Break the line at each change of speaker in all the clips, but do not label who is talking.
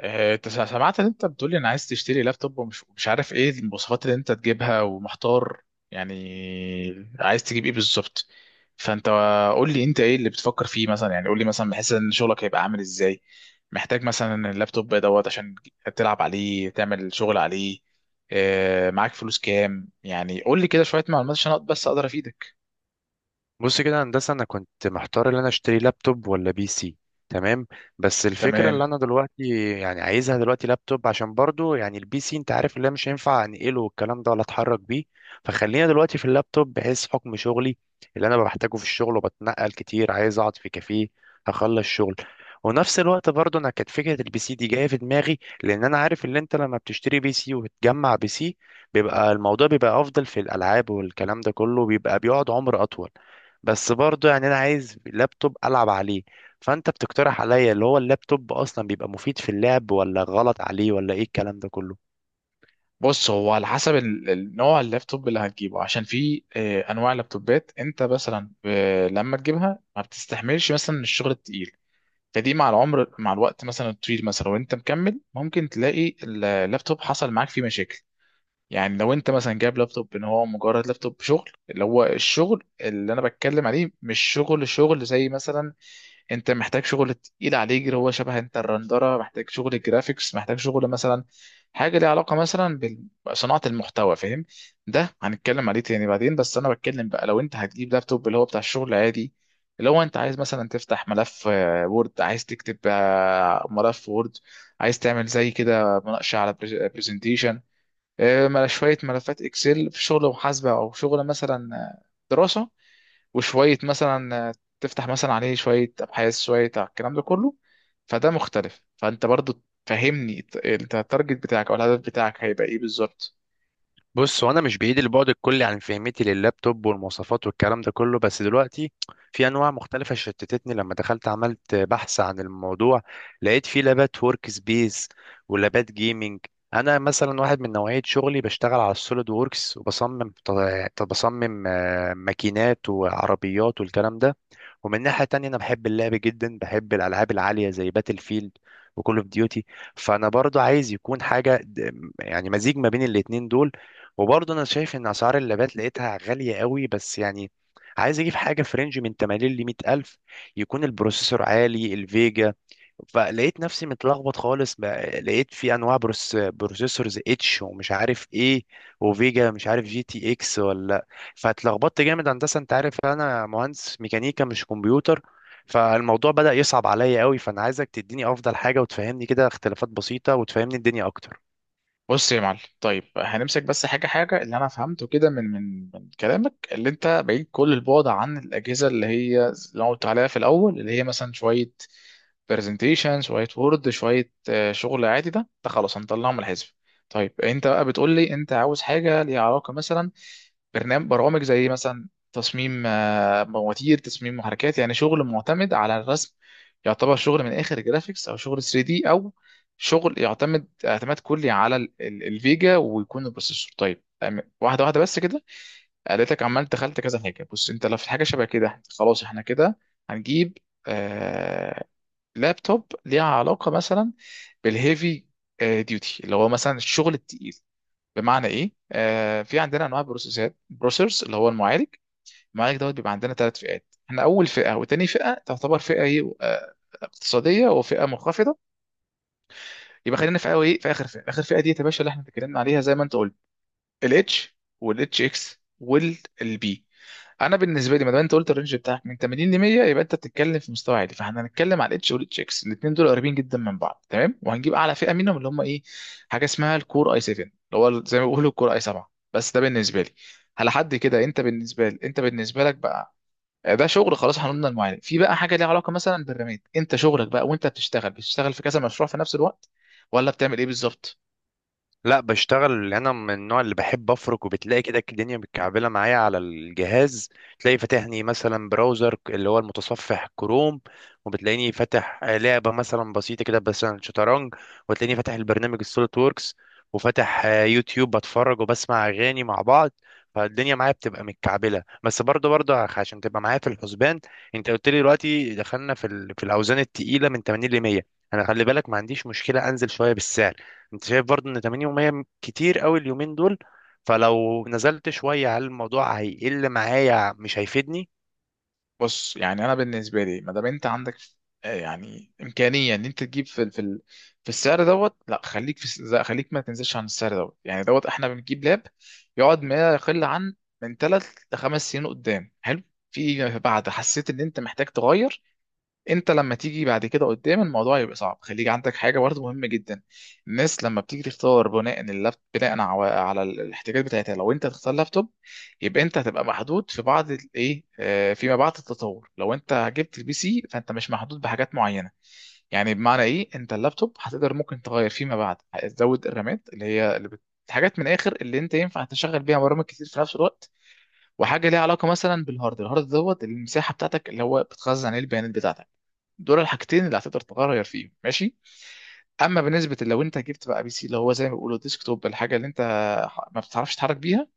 انت سمعت ان انت بتقولي انا عايز تشتري لابتوب ومش مش عارف ايه المواصفات اللي انت تجيبها ومحتار، يعني عايز تجيب ايه بالظبط؟ فانت قول لي انت ايه اللي بتفكر فيه مثلا، يعني قول لي مثلا بحيث ان شغلك هيبقى عامل ازاي، محتاج مثلا اللابتوب دوت عشان تلعب عليه، تعمل شغل عليه. معاك فلوس كام؟ يعني قول لي كده شوية معلومات عشان بس اقدر افيدك.
بص كده يا هندسه، انا كنت محتار ان انا اشتري لابتوب ولا بي سي. تمام. بس الفكره
تمام،
اللي انا دلوقتي يعني عايزها دلوقتي لابتوب، عشان برضو يعني البي سي انت عارف اللي أنا مش هينفع انقله والكلام ده، ولا اتحرك بيه. فخلينا دلوقتي في اللابتوب، بحيث حكم شغلي اللي انا بحتاجه في الشغل، وبتنقل كتير، عايز اقعد في كافيه هخلص شغل. ونفس الوقت برضو انا كانت فكره البي سي دي جايه في دماغي، لان انا عارف ان انت لما بتشتري بي سي وبتجمع بي سي، بيبقى الموضوع بيبقى افضل في الالعاب والكلام ده كله، بيبقى بيقعد عمر اطول. بس برضو يعني انا عايز لابتوب العب عليه. فانت بتقترح عليا اللي هو اللابتوب اصلا بيبقى مفيد في اللعب، ولا غلط عليه، ولا ايه الكلام ده كله؟
بص هو على حسب النوع اللابتوب اللي هتجيبه، عشان في انواع لابتوبات انت مثلا لما تجيبها ما بتستحملش مثلا الشغل التقيل، فدي مع العمر مع الوقت مثلا الطويل، مثلا وانت مكمل ممكن تلاقي اللابتوب حصل معاك فيه مشاكل. يعني لو انت مثلا جايب لابتوب ان هو مجرد لابتوب شغل، اللي هو الشغل اللي انا بتكلم عليه مش شغل شغل زي مثلا انت محتاج شغل تقيل عليه، اللي هو شبه انت الرندره، محتاج شغل جرافيكس، محتاج شغل مثلا حاجه ليها علاقه مثلا بصناعه المحتوى، فاهم؟ ده هنتكلم عليه تاني بعدين، بس انا بتكلم بقى لو انت هتجيب لابتوب اللي هو بتاع الشغل العادي، اللي هو انت عايز مثلا تفتح ملف وورد، عايز تكتب ملف وورد، عايز تعمل زي كده مناقشه على برزنتيشن، شويه ملفات اكسل في شغل محاسبه، او شغل مثلا دراسه، وشوية مثلا تفتح مثلا عليه شوية أبحاث شوية على الكلام ده كله. فده مختلف، فأنت برضو فهمني، أنت التارجت بتاعك أو الهدف بتاعك هيبقى إيه بالظبط؟
بص وانا مش بعيد البعد الكلي عن فهمتي لللابتوب والمواصفات والكلام ده كله، بس دلوقتي في انواع مختلفه شتتتني لما دخلت عملت بحث عن الموضوع. لقيت في لابات ورك سبيس ولابات جيمنج. انا مثلا واحد من نوعيه شغلي بشتغل على السوليد ووركس وبصمم، بصمم ماكينات وعربيات والكلام ده. ومن ناحية تانية أنا بحب اللعب جدا، بحب الألعاب العالية زي باتل فيلد وكول اوف ديوتي. فأنا برضو عايز يكون حاجة يعني مزيج ما بين الاتنين دول. وبرضو أنا شايف إن أسعار اللابات لقيتها غالية قوي، بس يعني عايز أجيب حاجة في رينج من 80 ل 100 ألف، يكون البروسيسور عالي، الفيجا. فلقيت نفسي متلخبط خالص لقيت في انواع بروسيسورز اتش ومش عارف ايه، وفيجا مش عارف جي تي اكس. فاتلخبطت جامد هندسه، انت عارف انا مهندس ميكانيكا مش كمبيوتر. فالموضوع بدأ يصعب عليا قوي، فانا عايزك تديني افضل حاجه، وتفهمني كده اختلافات بسيطه، وتفهمني الدنيا اكتر.
بص يا معلم، طيب هنمسك بس حاجة حاجة، اللي أنا فهمته كده من كلامك اللي أنت بعيد كل البعد عن الأجهزة اللي هي اللي أنا قلت عليها في الأول، اللي هي مثلا شوية برزنتيشن، شوية وورد، شوية شغل عادي، ده ده خلاص هنطلعه من الحزب. طيب أنت بقى بتقول لي أنت عاوز حاجة ليها علاقة مثلا برنامج برامج زي مثلا تصميم مواتير، تصميم محركات، يعني شغل معتمد على الرسم، يعتبر شغل من اخر جرافيكس او شغل 3 دي، او شغل يعتمد اعتماد كلي على الفيجا، ويكون البروسيسور طيب. واحده واحده بس كده، لقيتك عمال دخلت كذا حاجه. بص انت لو في حاجه شبه كده، خلاص احنا كده هنجيب آه لابتوب ليها علاقه مثلا بالهيفي ديوتي، اللي هو مثلا الشغل التقيل. بمعنى ايه؟ آه، في عندنا انواع بروسيسورز، اللي هو المعالج. المعالج دوت بيبقى عندنا ثلاث فئات، احنا اول فئه وتاني فئه تعتبر فئه ايه؟ اقتصاديه وفئه منخفضه. يبقى خلينا في ايه، في اخر فئه. اخر فئه دي يا باشا اللي احنا اتكلمنا عليها، زي ما انت قلت، الاتش والاتش اكس والبي. انا بالنسبه لي، ما دام انت قلت الرينج بتاعك من 80 ل 100، يبقى انت بتتكلم في مستوى عالي، فاحنا هنتكلم على الاتش والاتش اكس، الاثنين دول قريبين جدا من بعض، تمام، وهنجيب اعلى فئه منهم اللي هم ايه، حاجه اسمها الكور اي 7، اللي هو زي ما بيقولوا الكور اي 7. بس ده بالنسبه لي على حد كده، انت بالنسبه لي، انت بالنسبه لك بقى ده شغل خلاص. هنقولنا المعالج. في بقى حاجه ليها علاقه مثلا بالرامات، انت شغلك بقى وانت بتشتغل، بتشتغل في كذا مشروع في نفس الوقت، ولا بتعمل ايه بالظبط؟
لا، بشتغل انا من النوع اللي بحب افرك، وبتلاقي كده الدنيا متكعبله معايا على الجهاز. تلاقي فاتحني مثلا براوزر اللي هو المتصفح كروم، وبتلاقيني فاتح لعبه مثلا بسيطه كده، مثلا شطرنج، وتلاقيني فاتح البرنامج السوليد ووركس، وفاتح يوتيوب بتفرج وبسمع اغاني مع بعض. فالدنيا معايا بتبقى متكعبله. بس برضه برضه عشان تبقى معايا في الحسبان، انت قلت لي دلوقتي دخلنا في في الاوزان التقيله من 80 ل 100، انا خلي بالك ما عنديش مشكله انزل شويه بالسعر. انت شايف برضو ان 80 يومية كتير قوي اليومين دول؟ فلو نزلت شوية هل الموضوع هيقل معايا؟ مش هيفيدني؟
بص يعني انا بالنسبه لي، ما دام انت عندك يعني امكانيه ان انت تجيب في في السعر دوت، لا خليك ما تنزلش عن السعر دوت، يعني دوت احنا بنجيب لاب يقعد ما يقل عن من ثلاث لخمس سنين قدام، حلو، في بعد حسيت ان انت محتاج تغير. انت لما تيجي بعد كده قدام الموضوع يبقى صعب، خليك عندك حاجه برضه مهمه جدا. الناس لما بتيجي تختار بناء اللاب، بناء على الاحتياجات بتاعتها، لو انت هتختار لابتوب يبقى انت هتبقى محدود في بعض الايه، فيما بعد التطور. لو انت جبت البي سي فانت مش محدود بحاجات معينه. يعني بمعنى ايه، انت اللابتوب هتقدر ممكن تغير فيما بعد، هتزود الرامات اللي هي اللي حاجات من الاخر اللي انت ينفع تشغل بيها برامج كتير في نفس الوقت، وحاجه ليها علاقه مثلا بالهارد. الهارد دوت المساحه بتاعتك، اللي هو بتخزن عليه البيانات بتاعتك. دول الحاجتين اللي هتقدر تغير فيهم، ماشي. اما بالنسبه لو انت جبت بقى بي سي، اللي هو زي ما بيقولوا ديسك توب، الحاجه اللي انت ما بتعرفش تتحرك بيها،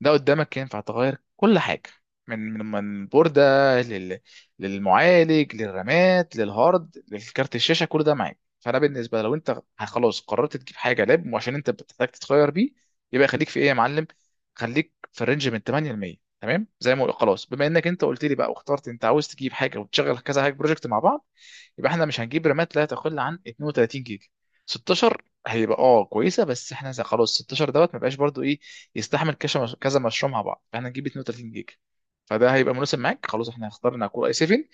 ده قدامك ينفع تغير كل حاجه، من بورده، لل... للمعالج، للرامات، للهارد، للكارت الشاشه، كل ده معاك. فانا بالنسبه لو انت خلاص قررت تجيب حاجه لاب وعشان انت بتحتاج تتغير بيه، يبقى خليك في ايه يا معلم، خليك في الرينج من 8 ل 100، تمام زي ما خلاص، بما انك انت قلت لي بقى واخترت انت عاوز تجيب حاجه وتشغل كذا حاجه بروجكت مع بعض، يبقى احنا مش هنجيب رامات لا تقل عن 32 جيجا. 16 هيبقى اه كويسه، بس احنا خلاص، 16 دوت ما بقاش برضو ايه يستحمل كذا كذا مشروع مع بعض، فاحنا نجيب 32 جيجا، فده هيبقى مناسب معاك. خلاص احنا اخترنا كور اي 7.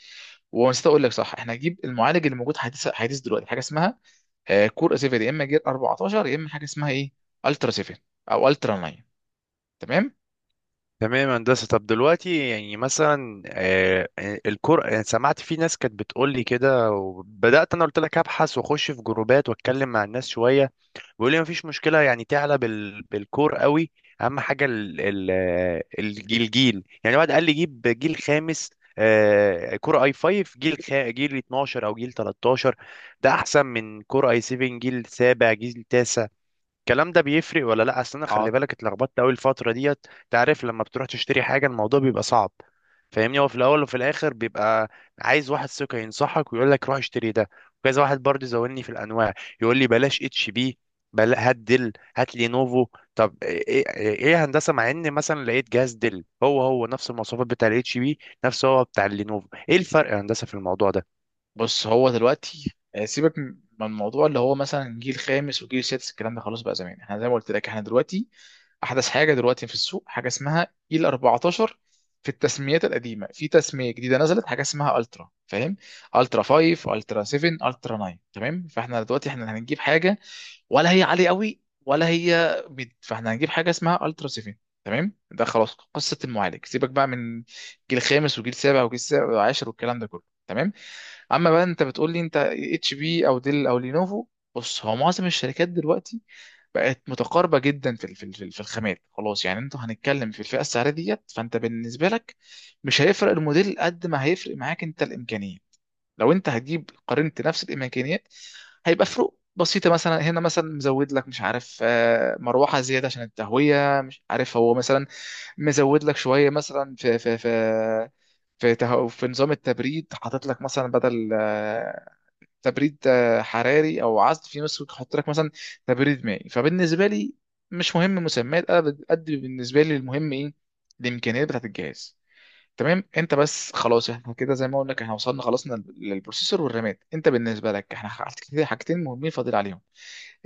ونسيت اقول لك، صح، احنا هنجيب المعالج اللي موجود حديث حديث دلوقتي، حاجه اسمها كور اي 7 يا اما جيل 14، يا اما حاجه اسمها ايه، الترا 7 او الترا 9. تمام.
تمام يا هندسة. طب دلوقتي يعني مثلا الكور، يعني سمعت في ناس كانت بتقول لي كده، وبدأت انا قلت لك ابحث واخش في جروبات واتكلم مع الناس شوية، بيقول لي مفيش مشكله يعني تعلى بالكور قوي. اهم حاجه الجيل، يعني واحد قال لي جيب جيل خامس، كور اي 5 جيل جيل 12 او جيل 13، ده احسن من كور اي 7 جيل سابع جيل تاسع. الكلام ده بيفرق ولا لا؟ اصل انا خلي بالك اتلخبطت قوي الفتره ديت. تعرف لما بتروح تشتري حاجه الموضوع بيبقى صعب، فاهمني؟ هو في الاول وفي الاخر بيبقى عايز واحد ثقه ينصحك ويقول لك روح اشتري ده. وكذا واحد برضه زودني في الانواع، يقول لي بلاش اتش بي، هات ديل، هات لينوفو. طب ايه، ايه، إيه يا هندسه؟ مع ان مثلا لقيت جهاز ديل هو هو نفس المواصفات بتاع الاتش بي نفسه، هو بتاع اللينوفو. ايه الفرق يا هندسه في الموضوع ده؟
بص هو دلوقتي سيبك من الموضوع اللي هو مثلا جيل خامس وجيل سادس، الكلام ده خلاص بقى زمان. احنا زي ما قلت لك، احنا دلوقتي احدث حاجه دلوقتي في السوق حاجه اسمها جيل 14. في التسميات القديمه، في تسميه جديده نزلت حاجه اسمها الترا، فاهم، الترا 5 الترا 7 الترا 9، تمام. فاحنا دلوقتي احنا هنجيب حاجه ولا هي عالية قوي ولا هي ميد، فاحنا هنجيب حاجة اسمها الترا سيفين، تمام. ده خلاص قصة المعالج، سيبك بقى من جيل خامس وجيل سابع وجيل سابع وعاشر والكلام ده كله، تمام. اما بقى انت بتقول لي انت اتش بي او ديل او لينوفو، بص هو معظم الشركات دلوقتي بقت متقاربه جدا في ال- في ال- في ال- في الخامات، خلاص، يعني انتوا هنتكلم في الفئه السعريه ديت، فانت بالنسبه لك مش هيفرق الموديل قد ما هيفرق معاك انت الامكانيه. لو انت هتجيب قارنت نفس الامكانيات، هيبقى فروق بسيطه، مثلا هنا مثلا مزود لك مش عارف مروحه زياده عشان التهويه، مش عارف هو مثلا مزود لك شويه مثلا في في نظام التبريد، حاطط لك مثلا بدل تبريد حراري او عزل، في ناس حاطط لك مثلا تبريد مائي. فبالنسبه لي مش مهم مسميات، انا قد بالنسبه لي المهم ايه، الامكانيات بتاعت الجهاز، تمام؟ انت بس خلاص احنا كده زي ما قلنا، احنا وصلنا خلصنا للبروسيسور والرامات، انت بالنسبه لك احنا كده حاجتين مهمين فاضل عليهم،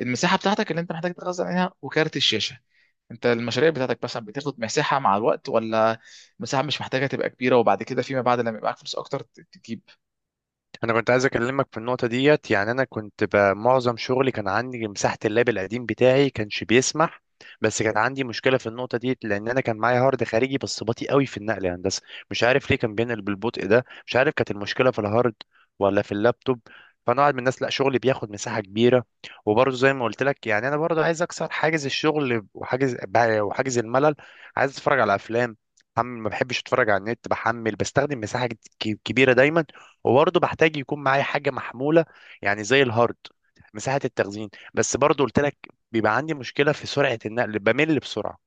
المساحه بتاعتك اللي انت محتاج تخزن عليها وكارت الشاشه. انت المشاريع بتاعتك مثلا بتاخد مساحه مع الوقت، ولا المساحه مش محتاجه تبقى كبيره وبعد كده فيما بعد لما يبقى معاك فلوس اكتر تجيب؟
انا كنت عايز اكلمك في النقطه ديت، يعني انا كنت معظم شغلي كان عندي مساحه، اللاب القديم بتاعي كانش بيسمح. بس كان عندي مشكله في النقطه ديت، لان انا كان معايا هارد خارجي بس بطيء قوي في النقل يا هندسه، مش عارف ليه كان بينقل بالبطء ده. مش عارف كانت المشكله في الهارد ولا في اللابتوب. فانا قاعد من الناس لا شغلي بياخد مساحه كبيره، وبرضه زي ما قلت لك يعني انا برضه عايز اكسر حاجز الشغل، وحاجز الملل. عايز اتفرج على افلام، ما بحبش اتفرج على النت، بحمل، بستخدم مساحه كبيره دايما. وبرضه بحتاج يكون معايا حاجه محموله، يعني زي الهارد، مساحه التخزين. بس برضه قلت لك بيبقى عندي مشكله في سرعه النقل، بمل بسرعه.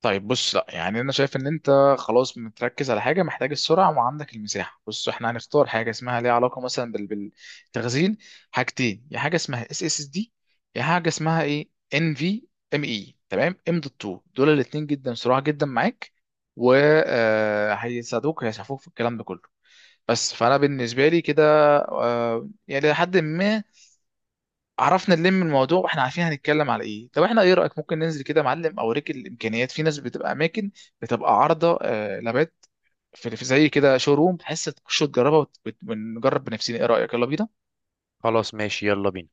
طيب بص، لا يعني انا شايف ان انت خلاص متركز على حاجه، محتاج السرعه وعندك المساحه. بص احنا هنختار حاجه اسمها ليها علاقه مثلا بالتخزين، حاجتين، يا حاجه اسمها اس اس اس دي، يا حاجه اسمها ايه ان في ام اي، تمام، ام دوت 2، دول الاثنين جدا سرعه جدا معاك، وهيساعدوك هيسعفوك في الكلام ده كله. بس فانا بالنسبه لي كده يعني لحد ما عرفنا نلم الموضوع واحنا عارفين هنتكلم على ايه. طب احنا ايه رايك، ممكن ننزل كده يا معلم اوريك الامكانيات، في ناس بتبقى اماكن بتبقى عارضه لابات، في زي كده شو روم، بحيث تخش تجربها ونجرب بنفسنا، ايه رايك، يلا بينا.
خلاص ماشي، يلا بينا.